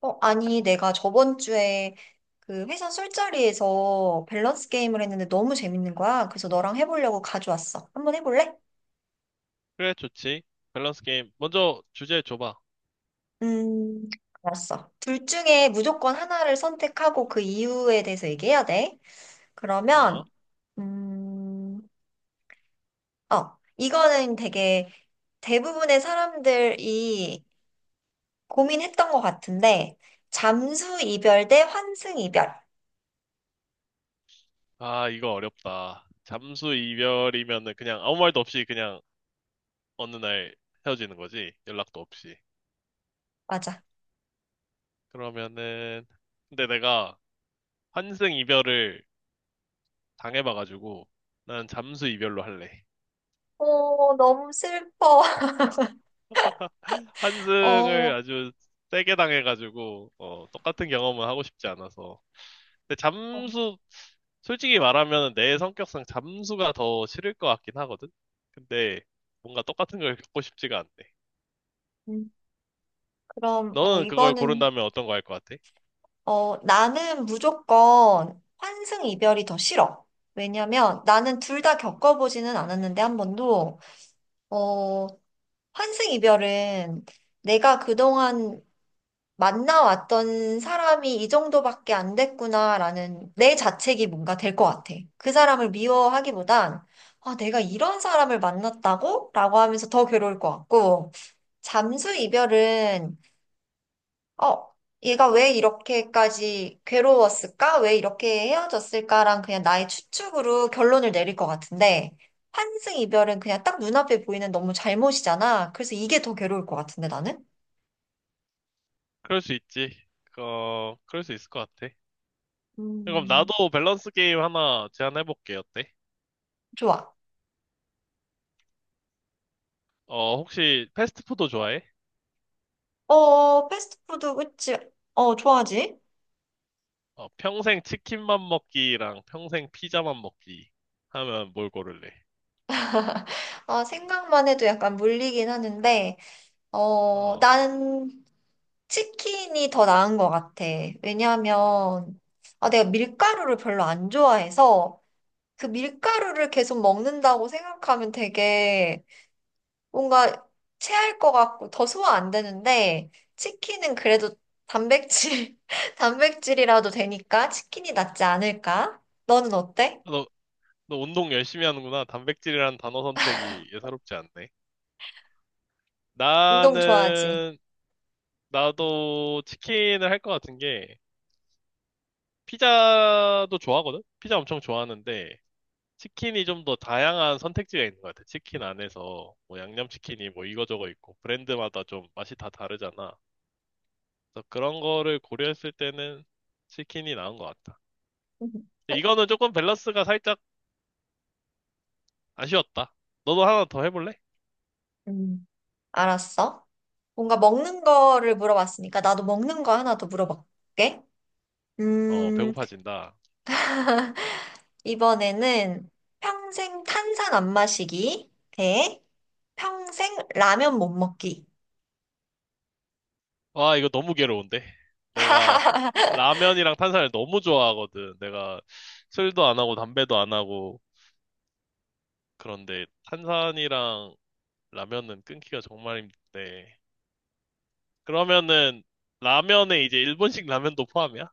어, 아니, 내가 저번 주에 그 회사 술자리에서 밸런스 게임을 했는데 너무 재밌는 거야. 그래서 너랑 해보려고 가져왔어. 한번 해볼래? 그래, 좋지. 밸런스 게임. 먼저 주제 줘봐. 음, 알았어. 둘 중에 무조건 하나를 선택하고 그 이유에 대해서 얘기해야 돼. 어? 그러면, 음, 이거는 되게 대부분의 사람들이 고민했던 것 같은데, 잠수 이별 대 환승 이별. 아, 이거 어렵다. 잠수 이별이면은 그냥 아무 말도 없이 그냥 어느 날 헤어지는 거지. 연락도 없이. 맞아. 그러면은, 근데 내가 환승 이별을 당해봐가지고, 난 잠수 이별로 할래. 어, 너무 슬퍼. 환승을 어. 아주 세게 당해가지고, 어, 똑같은 경험은 하고 싶지 않아서. 근데 어, 잠수, 솔직히 말하면 내 성격상 잠수가 더 싫을 것 같긴 하거든? 근데 뭔가 똑같은 걸 겪고 싶지가 않네. 음. 그럼, 너는 그걸 이거는, 고른다면 어떤 거 할 것 같아? 나는 무조건 환승 이별이 더 싫어. 왜냐면 나는 둘 다 겪어보지는 않았는데 한 번도, 어, 환승 이별은 내가 그동안 만나왔던 사람이 이 정도밖에 안 됐구나라는 내 자책이 뭔가 될 것 같아. 그 사람을 미워하기보단, 아, 내가 이런 사람을 만났다고? 라고 하면서 더 괴로울 것 같고, 잠수 이별은 어, 얘가 왜 이렇게까지 괴로웠을까? 왜 이렇게 헤어졌을까랑 그냥 나의 추측으로 결론을 내릴 것 같은데, 환승 이별은 그냥 딱 눈앞에 보이는 너무 잘못이잖아. 그래서 이게 더 괴로울 것 같은데, 나는? 그럴 수 있지. 어, 그럴 수 있을 것 같아. 그럼 음, 나도 밸런스 게임 하나 제안해볼게. 어때? 좋아. 어, 혹시 패스트푸드 좋아해? 어, 패스트푸드, 그치? 어, 좋아하지? 어, 평생 치킨만 먹기랑 평생 피자만 먹기 하면 뭘 고를래? 아, 생각만 해도 약간 물리긴 하는데, 어, 난 치킨이 더 나은 것 같아. 왜냐하면, 아, 내가 밀가루를 별로 안 좋아해서, 그 밀가루를 계속 먹는다고 생각하면 되게 뭔가 체할 것 같고 더 소화 안 되는데 치킨은 그래도 단백질, 단백질이라도 되니까 치킨이 낫지 않을까? 너는 어때? 너, 너 운동 열심히 하는구나. 단백질이란 단어 선택이 예사롭지 않네. 운동 좋아하지? 나는, 나도 치킨을 할 것 같은 게, 피자도 좋아하거든? 피자 엄청 좋아하는데, 치킨이 좀 더 다양한 선택지가 있는 것 같아. 치킨 안에서, 뭐, 양념치킨이 뭐 이거저거 있고, 브랜드마다 좀 맛이 다 다르잖아. 그래서 그런 거를 고려했을 때는 치킨이 나은 것 같다. 근데 이거는 조금 밸런스가 살짝 아쉬웠다. 너도 하나 더 해볼래? 음, 알았어. 뭔가 먹는 거를 물어봤으니까 나도 먹는 거 하나 더 물어볼게. 어, 음, 배고파진다. 이번에는 평생 탄산 안 마시기 대 평생 라면 못 먹기. 와, 이거 너무 괴로운데? 내가 라면이랑 탄산을 너무 좋아하거든. 내가 술도 안 하고 담배도 안 하고. 그런데 탄산이랑 라면은 끊기가 정말 힘든데. 그러면은 라면에 이제 일본식 라면도 포함이야?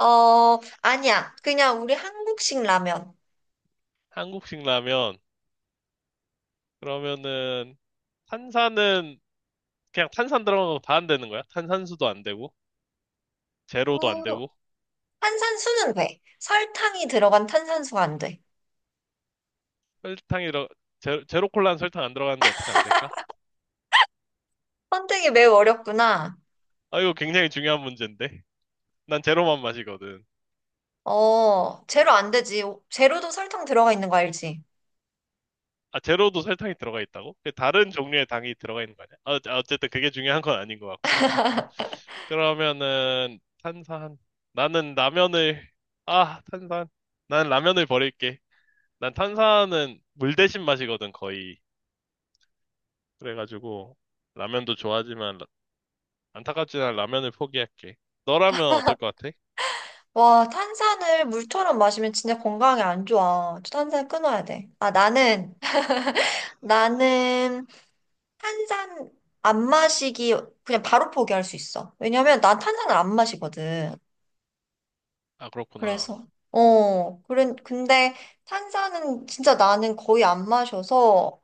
어, 아니야. 그냥 우리 한국식 라면. 한국식 라면. 그러면은 탄산은 그냥 탄산 들어간 거 다 안 되는 거야? 탄산수도 안 되고, 제로도 안 음, 되고, 탄산수는 돼. 설탕이 들어간 탄산수가 안 돼. 설탕이 들어, 제로 콜라는 설탕 안 들어가는데 어떻게 안 될까? 선택이 매우 어렵구나. 아, 이거 굉장히 중요한 문제인데. 난 제로만 마시거든. 어, 제로 안 되지. 제로도 설탕 들어가 있는 거 알지? 아, 제로도 설탕이 들어가 있다고? 그 다른 종류의 당이 들어가 있는 거 아니야? 어, 아, 어쨌든 그게 중요한 건 아닌 것 같고. 그러면은, 탄산. 나는 라면을, 아, 탄산. 난 라면을 버릴게. 난 탄산은 물 대신 마시거든, 거의. 그래가지고, 라면도 좋아하지만, 안타깝지만 라면을 포기할게. 너라면 어떨 것 같아? 와, 탄산을 물처럼 마시면 진짜 건강에 안 좋아. 탄산 끊어야 돼. 아, 나는, 나는 탄산 안 마시기 그냥 바로 포기할 수 있어. 왜냐면 난 탄산을 안 마시거든. 아, 그렇구나. 그래서, 어, 그래, 근데 탄산은 진짜 나는 거의 안 마셔서,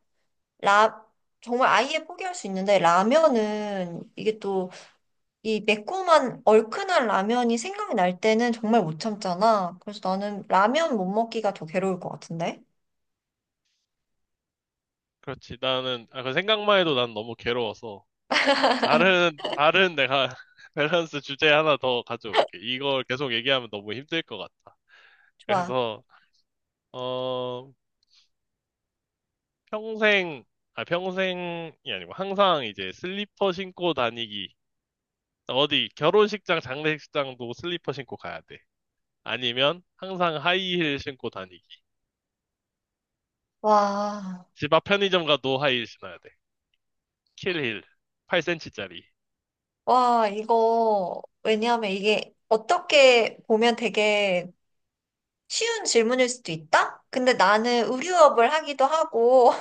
라, 정말 아예 포기할 수 있는데, 라면은 이게 또 이 매콤한 얼큰한 라면이 생각이 날 때는 정말 못 참잖아. 그래서 나는 라면 못 먹기가 더 괴로울 것 같은데? 그렇지. 나는, 아, 그 생각만 해도 난 너무 괴로워서. 다른 내가 밸런스 주제 하나 더 가져올게. 이걸 계속 얘기하면 너무 힘들 것 같아. 좋아. 그래서, 어, 평생, 아, 평생이 아니고 항상 이제 슬리퍼 신고 다니기. 어디, 결혼식장, 장례식장도 슬리퍼 신고 가야 돼. 아니면 항상 하이힐 신고 다니기. 와, 집 앞 편의점 가도 하이힐 신어야 돼. 킬힐. 8cm짜리. 와, 이거, 왜냐하면 이게 어떻게 보면 되게 쉬운 질문일 수도 있다? 근데 나는 의류업을 하기도 하고,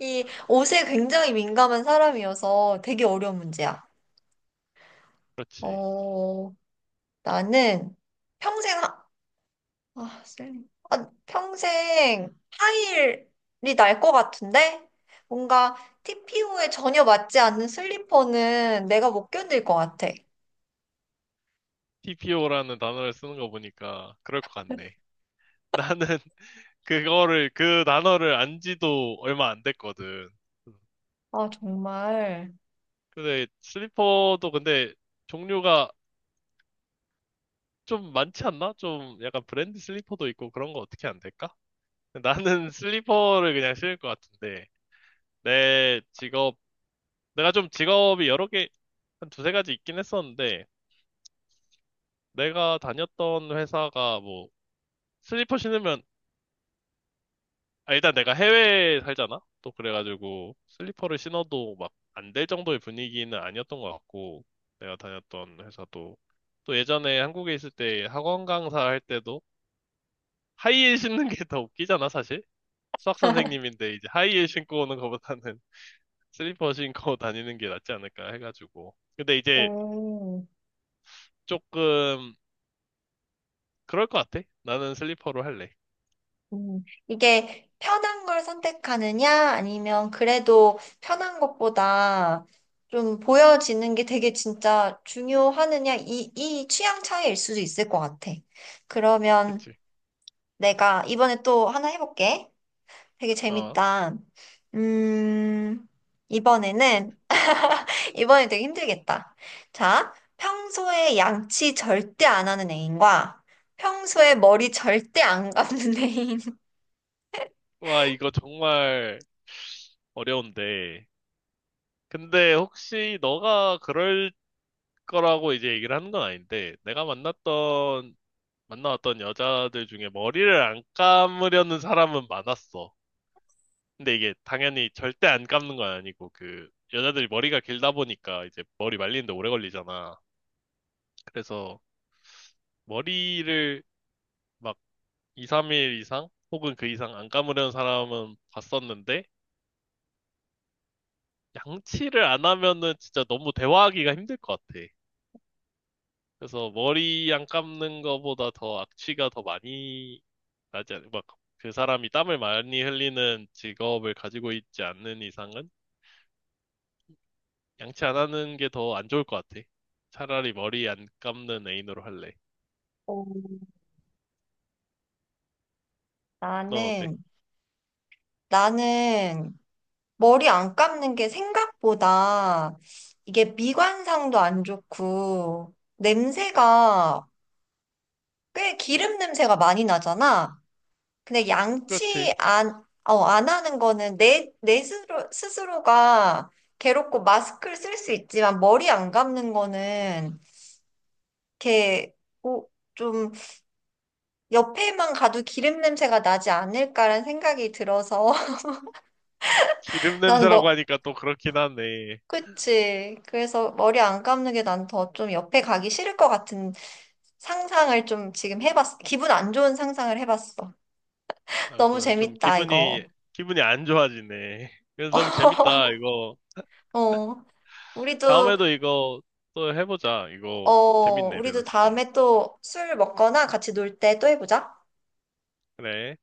이 옷에 굉장히 민감한 사람이어서 되게 어려운 문제야. 그렇지. 어, 나는 평생, 쌤. 아, 평생 하일이 날 것 같은데? 뭔가 TPO에 전혀 맞지 않는 슬리퍼는 내가 못 견딜 것 같아. TPO라는 단어를 쓰는 거 보니까 그럴 것 같네. 나는 그거를, 그 단어를 안 지도 얼마 안 됐거든. 아, 정말. 근데 슬리퍼도 근데 종류가 좀 많지 않나? 좀 약간 브랜드 슬리퍼도 있고 그런 거 어떻게 안 될까? 나는 슬리퍼를 그냥 신을 것 같은데 내 직업 내가 좀 직업이 여러 개 한 두세 가지 있긴 했었는데 내가 다녔던 회사가 뭐 슬리퍼 신으면 아, 일단 내가 해외에 살잖아? 또 그래가지고 슬리퍼를 신어도 막 안 될 정도의 분위기는 아니었던 것 같고 내가 다녔던 회사도 또 예전에 한국에 있을 때 학원 강사 할 때도 하이힐 신는 게 더 웃기잖아 사실 수학 선생님인데 이제 하이힐 신고 오는 것보다는 슬리퍼 신고 다니는 게 낫지 않을까 해가지고 근데 이제 오. 조금 그럴 것 같아 나는 슬리퍼로 할래 이게 편한 걸 선택하느냐, 아니면 그래도 편한 것보다 좀 보여지는 게 되게 진짜 중요하느냐, 이 취향 차이일 수도 있을 것 같아. 그러면 그치 내가 이번에 또 하나 해볼게. 되게 어 재밌다. 음, 이번에는, 이번에 되게 힘들겠다. 자, 평소에 양치 절대 안 하는 애인과 평소에 머리 절대 안 감는 애인. 와 이거 정말 어려운데 근데 혹시 너가 그럴 거라고 이제 얘기를 하는 건 아닌데, 내가 만나왔던 여자들 중에 머리를 안 감으려는 사람은 많았어. 근데 이게 당연히 절대 안 감는 건 아니고, 그, 여자들이 머리가 길다 보니까 이제 머리 말리는데 오래 걸리잖아. 그래서 머리를 막 2, 3일 이상? 혹은 그 이상 안 감으려는 사람은 봤었는데, 양치를 안 하면은 진짜 너무 대화하기가 힘들 것 같아. 그래서 머리 안 감는 거보다 더 악취가 더 많이 나지 않, 막그 사람이 땀을 많이 흘리는 직업을 가지고 있지 않는 이상은 양치 안 하는 게 더 안 좋을 것 같아. 차라리 머리 안 감는 애인으로 할래. 어, 넌 어때? 나는 나는 머리 안 감는 게 생각보다 이게 미관상도 안 좋고 냄새가 꽤 기름 냄새가 많이 나잖아. 근데 그렇지. 양치 안, 어, 안 하는 거는 내 스스로, 스스로가 괴롭고 마스크를 쓸 수 있지만 머리 안 감는 거는 이렇게 오- 좀 옆에만 가도 기름 냄새가 나지 않을까라는 생각이 들어서 기름 나는 냄새라고 뭐 하니까 또 그렇긴 하네. 그치. 그래서 머리 안 감는 게 난 더 좀 옆에 가기 싫을 것 같은 상상을 좀 지금 해봤어. 기분 안 좋은 상상을 해봤어. 아, 너무 그러네. 좀 재밌다, 이거. 기분이 안 좋아지네. 그래서 너무 재밌다, 이거. 어, 우리도, 다음에도 이거 또 해보자. 이거 어, 재밌네, 우리도 밸런스 게임. 다음에 또 술 먹거나 같이 놀 때 또 해보자. 그래.